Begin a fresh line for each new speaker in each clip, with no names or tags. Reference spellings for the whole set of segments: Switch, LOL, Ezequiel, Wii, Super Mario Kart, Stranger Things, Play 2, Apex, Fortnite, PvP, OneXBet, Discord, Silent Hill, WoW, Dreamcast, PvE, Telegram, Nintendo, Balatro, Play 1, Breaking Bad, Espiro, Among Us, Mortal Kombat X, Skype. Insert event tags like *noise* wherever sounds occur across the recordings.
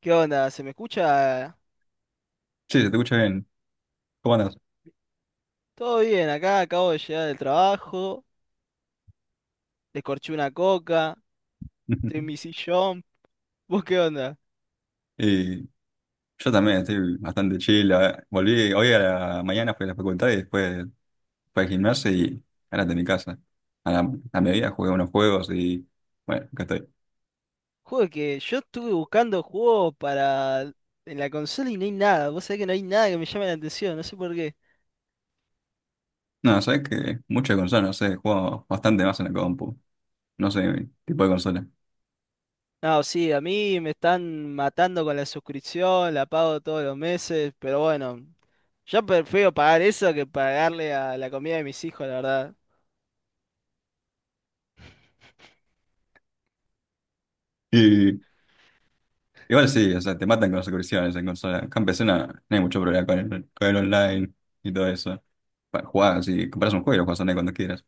¿Qué onda? ¿Se me escucha?
Sí, se te escucha bien. ¿Cómo andas?
Todo bien, acá acabo de llegar del trabajo, descorché una coca, estoy en
*laughs*
mi sillón. *laughs* ¿Vos qué onda?
Y yo también estoy bastante chill. Volví hoy a la mañana, fui a la facultad y después fui al gimnasio y ahora de mi casa. A la, a mediodía jugué unos juegos y bueno, acá estoy.
Juego que yo estuve buscando juegos para en la consola y no hay nada. Vos sabés que no hay nada que me llame la atención, no sé por qué.
No, sabes que muchas consolas, no sé, juego bastante más en la compu. No sé qué tipo de consola.
No, sí, a mí me están matando con la suscripción, la pago todos los meses, pero bueno, yo prefiero pagar eso que pagarle a la comida de mis hijos, la verdad.
Y igual sí, o sea, te matan con las suscripciones en consola. Acá en PC no, no hay mucho problema con el online y todo eso. Para jugar, si compras un juego y lo juegas online cuando quieras.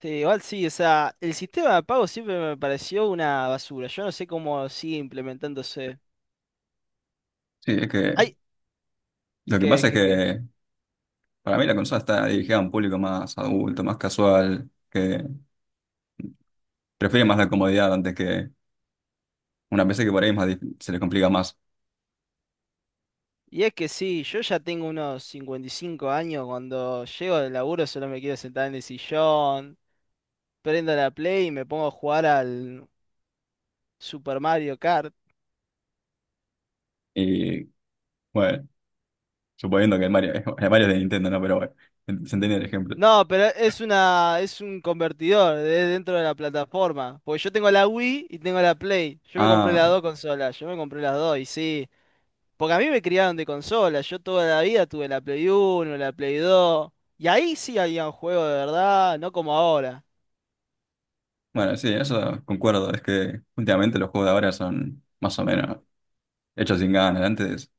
Sí, igual sí, o sea, el sistema de pago siempre me pareció una basura. Yo no sé cómo sigue implementándose.
Sí, es que
Ay,
lo que
qué
pasa es
qué qué
que para mí la consola está dirigida a un público más adulto, más casual, que prefiere más la comodidad antes que una PC que por ahí es más se le complica más.
Y es que sí, yo ya tengo unos 55 años. Cuando llego del laburo solo me quiero sentar en el sillón, prendo la Play y me pongo a jugar al Super Mario Kart.
Y bueno, suponiendo que el Mario, *laughs* el Mario es de Nintendo, ¿no? Pero bueno, se entiende el ejemplo.
No, pero es una, es un convertidor de dentro de la plataforma. Porque yo tengo la Wii y tengo la Play. Yo me compré las
Ah,
dos consolas, yo me compré las dos y sí. Porque a mí me criaron de consola, yo toda la vida tuve la Play 1, la Play 2, y ahí sí había un juego de verdad, no como ahora.
bueno, sí, eso concuerdo. Es que últimamente los juegos de ahora son más o menos hechos sin ganas. Antes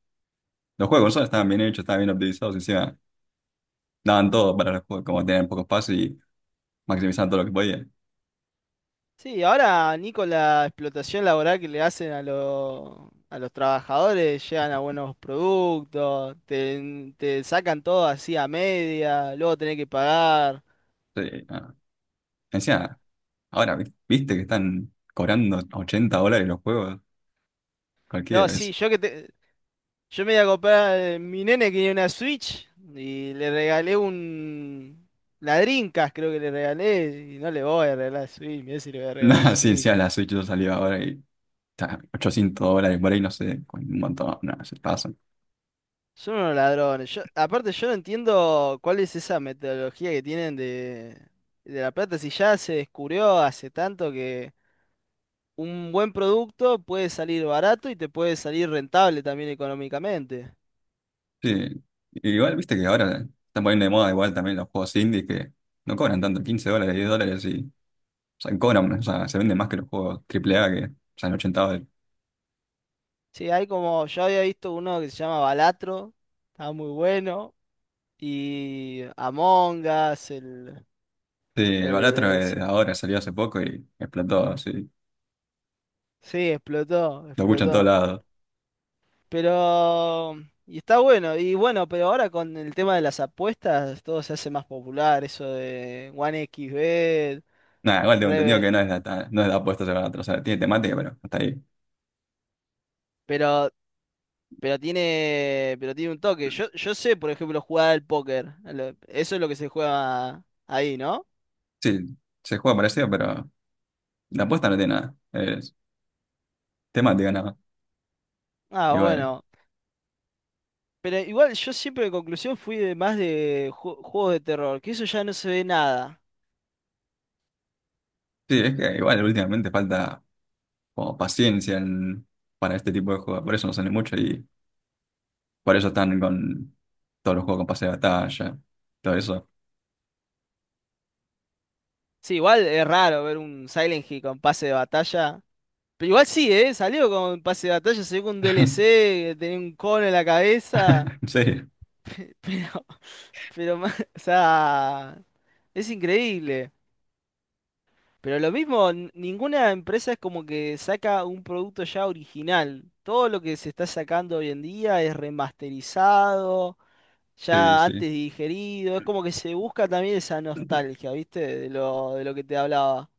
los juegos de consola estaban bien hechos, estaban bien optimizados, encima daban todo para los juegos, como tenían poco espacio y maximizaban todo lo que podían.
Sí, ahora ni con la explotación laboral que le hacen a los trabajadores, llegan a buenos productos, te sacan todo así a media, luego tenés que pagar.
Sí, ah. Encima ahora, viste que están cobrando $80 los juegos,
No,
cualquiera
sí,
es.
yo me iba a comprar, mi nene quería una Switch y le regalé un... La Dreamcast creo que le regalé y no le voy a regalar Switch, mirá si le voy a
*laughs*
regalar
Nada, sí, sí,
Switch.
a la Switch yo salió ahora y está $800 por ahí, no sé, con un montón, nada, se pasan.
Son unos ladrones. Yo, aparte yo no entiendo cuál es esa metodología que tienen de la plata, si ya se descubrió hace tanto que un buen producto puede salir barato y te puede salir rentable también económicamente.
Sí, igual viste que ahora están poniendo de moda igual también los juegos indie que no cobran tanto, $15, $10 y, o sea, cobran, o sea, se venden más que los juegos AAA que salen $80.
Sí, hay como, yo había visto uno que se llama Balatro, estaba muy bueno. Y Among Us,
Sí, el
el,
Balatro
es-
de ahora salió hace poco y explotó, sí,
sí, explotó,
lo escuchan en todos
explotó.
lados.
Pero, y está bueno, y bueno, pero ahora con el tema de las apuestas, todo se hace más popular, eso de OneXBet.
Nada, igual tengo entendido que no
Reve-
es de, no es de apuestas el Balatro, o sea, tiene temática, pero hasta ahí.
pero, pero tiene un toque. yo sé, por ejemplo, jugar al póker, eso es lo que se juega ahí, ¿no?
Sí, se juega parecido, pero la apuesta no tiene nada. Es temática, nada más.
Ah,
Igual.
bueno. Pero igual yo siempre en conclusión fui de más de juegos de terror, que eso ya no se ve nada.
Sí, es que igual últimamente falta como paciencia para este tipo de juegos. Por eso no sale mucho y por eso están con todos los juegos con pase de batalla, todo eso.
Sí, igual es raro ver un Silent Hill con pase de batalla. Pero igual sí, ¿eh? Salió con pase de batalla, salió con un DLC,
*laughs*
que tenía un cono en la cabeza.
En serio,
Pero, *laughs* pero, o sea, es increíble. Pero lo mismo, ninguna empresa es como que saca un producto ya original. Todo lo que se está sacando hoy en día es remasterizado,
sí,
ya
sí.
antes digerido. Es como que se busca también esa nostalgia, ¿viste? De lo que te hablaba.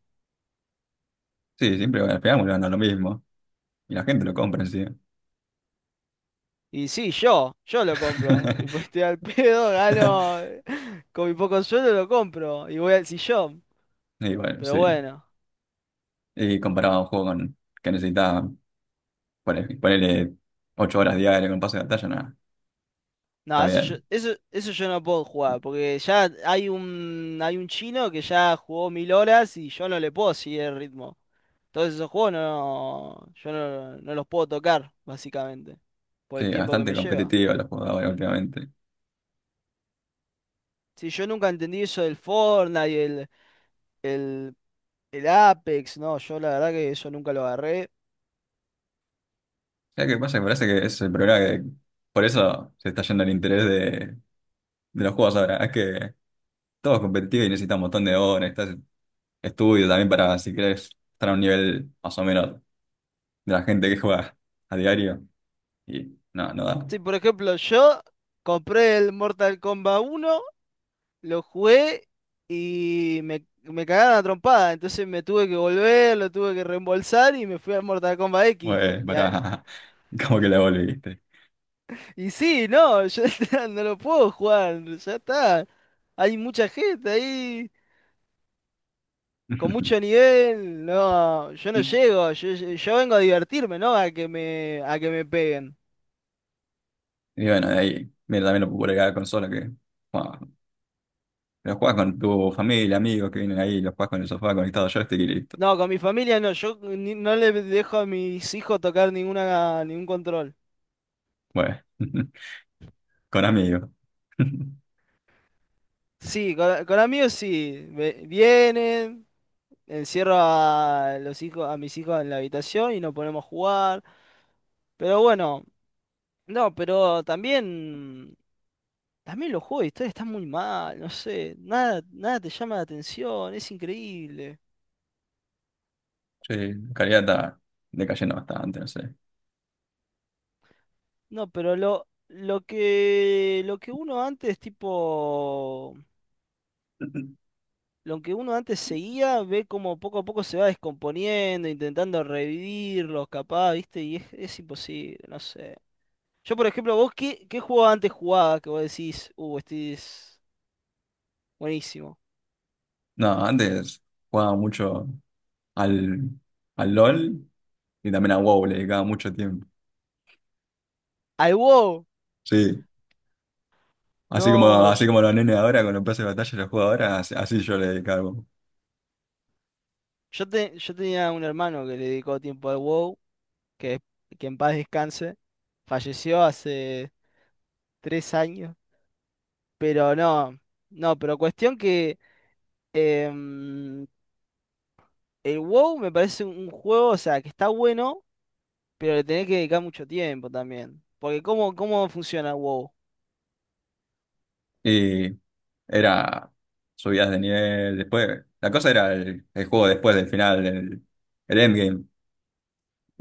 Sí, siempre bueno, al final vuelven a lo mismo. Y la gente lo compra, sí.
Y sí, yo lo compro. Y pues
*laughs*
estoy al pedo, gano *laughs* con mi poco sueldo lo compro y voy al sillón.
Y bueno,
Pero
sí.
bueno,
Y comparado a un juego con, que necesita ponerle 8 horas diarias con pase de batalla, nada.
no,
Está
eso yo,
bien.
eso, eso yo no puedo jugar, porque ya hay un chino que ya jugó 1000 horas y yo no le puedo seguir el ritmo. Entonces esos juegos no, yo no los puedo tocar, básicamente, por el
Sí,
tiempo que
bastante
me lleva.
competitiva los jugadores últimamente.
Sí, yo nunca entendí eso del Fortnite y el, el Apex. No, yo la verdad que eso nunca lo agarré.
¿Sabes qué pasa? Me parece que ese es el problema, que por eso se está yendo el interés de los juegos ahora. Es que todo es competitivo y necesita un montón de horas, necesitas estudio también para, si querés, estar a un nivel más o menos de la gente que juega a diario. Y no, no da.
Sí, por ejemplo, yo compré el Mortal Kombat uno, lo jugué y me cagaron a trompada. Entonces me tuve que volver, lo tuve que reembolsar y me fui al Mortal Kombat X.
Pues
Y, a-
para *laughs* como que la volviste.
y sí, no, yo *laughs* no lo puedo jugar, ya está. Hay mucha gente ahí con mucho
*laughs*
nivel. No, yo no llego, yo, yo vengo a divertirme, ¿no? A que me peguen.
Y bueno, de ahí, mira, también lo popularidad de la consola, que bueno, lo juegas con tu familia, amigos que vienen ahí, lo juegas con el sofá conectado a joystick y listo.
No, con mi familia no, yo ni- no le dejo a mis hijos tocar ninguna, ningún control.
Bueno. *laughs* Con amigos. *laughs*
Sí, con amigos sí. Vienen, encierro a los hijos, a mis hijos en la habitación y nos ponemos a jugar. Pero bueno, no, pero también, también los juegos de historia están muy mal, no sé, nada, nada te llama la atención, es increíble.
Sí, Caridad está decayendo bastante, no sé.
No, pero lo que uno antes, tipo, lo que uno antes seguía, ve como poco a poco se va descomponiendo, intentando revivirlos, capaz, ¿viste? Y es imposible, no sé. Yo, por ejemplo, vos, ¿qué juego antes jugaba que vos decís, este es buenísimo?
No, antes jugaba mucho al, al LOL y también a WoW, le dedicaba mucho tiempo.
Al WoW.
Sí, así como,
No,
así
yo,
como los nenes ahora con los pases de batalla los juego ahora, así yo le dedicaba al WoW.
yo tenía un hermano que le dedicó tiempo al WoW, que, que en paz descanse. Falleció hace 3 años. Pero no, no, pero cuestión que em, el WoW me parece un juego, o sea, que está bueno, pero le tenés que dedicar mucho tiempo también. Porque ¿cómo funciona el WoW?
Y era subidas de nivel, después, la cosa era el juego después del final, el endgame.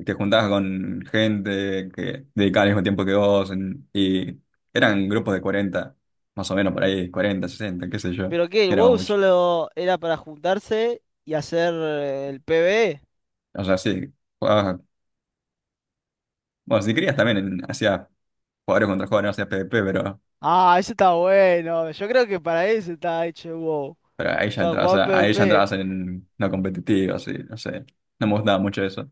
Te juntabas con gente que dedicaba el mismo tiempo que vos y eran grupos de 40 más o menos por ahí, 40 60 qué sé yo,
¿Pero qué? ¿El
era
WoW
mucho.
solo era para juntarse y hacer el PvE?
O sea, sí, jugabas, bueno, si querías también hacías jugadores contra jugadores, no hacías PvP,
Ah, eso está bueno. Yo creo que para eso está hecho el WoW.
pero ahí ya
Para
entrabas,
jugar
a- ahí ya
PvP.
entrabas en no competitivo, así, no sé, no me gustaba mucho eso.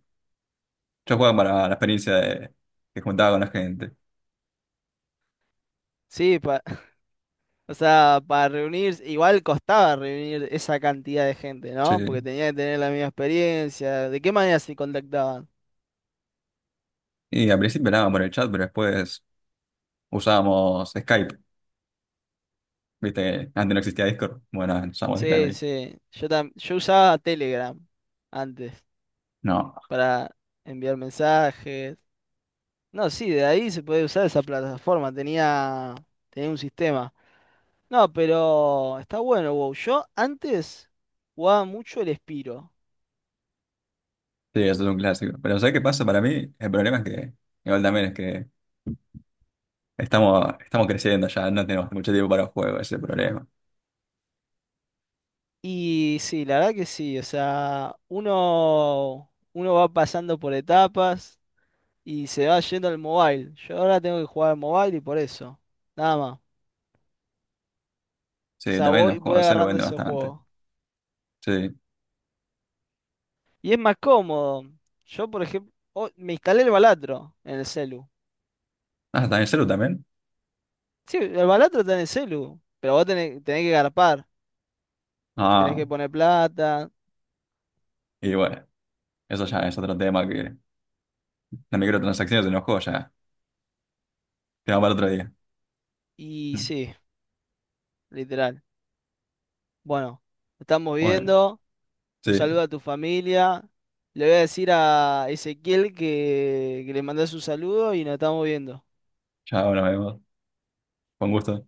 Yo jugaba para la experiencia de que juntaba con la gente,
Sí, *laughs* o sea, para reunirse. Igual costaba reunir esa cantidad de gente,
sí.
¿no? Porque tenía que tener la misma experiencia. ¿De qué manera se contactaban?
Y al principio hablábamos por el chat, pero después usábamos Skype. Viste que antes no existía Discord. Bueno, usábamos Skype
Sí,
ahí.
sí. Yo, yo usaba Telegram antes
No,
para enviar mensajes. No, sí, de ahí se puede usar esa plataforma. Tenía un sistema. No, pero está bueno, WoW. Yo antes jugaba mucho el Espiro.
sí, eso es un clásico. Pero ¿sabes qué pasa? Para mí, el problema es que, igual también es que estamos creciendo ya, no tenemos mucho tiempo para juegos, ese es el problema.
Y sí, la verdad que sí. O sea, uno va pasando por etapas y se va yendo al mobile. Yo ahora tengo que jugar al mobile y por eso. Nada más. O
Sí,
sea,
también
voy,
los
voy
juegos de celu
agarrando
venden
ese
bastante.
juego.
Sí.
Y es más cómodo. Yo, por ejemplo, me instalé el Balatro en el celu.
Ah, ¿también celu también?
Sí, el Balatro está en el celu. Pero vos tenés que garpar. Tenés
Ah,
que poner plata.
y bueno, eso ya es otro tema, que las microtransacciones en los juegos ya, tema para otro día.
Y
*laughs*
sí, literal. Bueno, nos estamos
Bueno,
viendo. Un
sí,
saludo a tu familia. Le voy a decir a Ezequiel que, le mandas un saludo y nos estamos viendo.
ya nos vemos. Con gusto.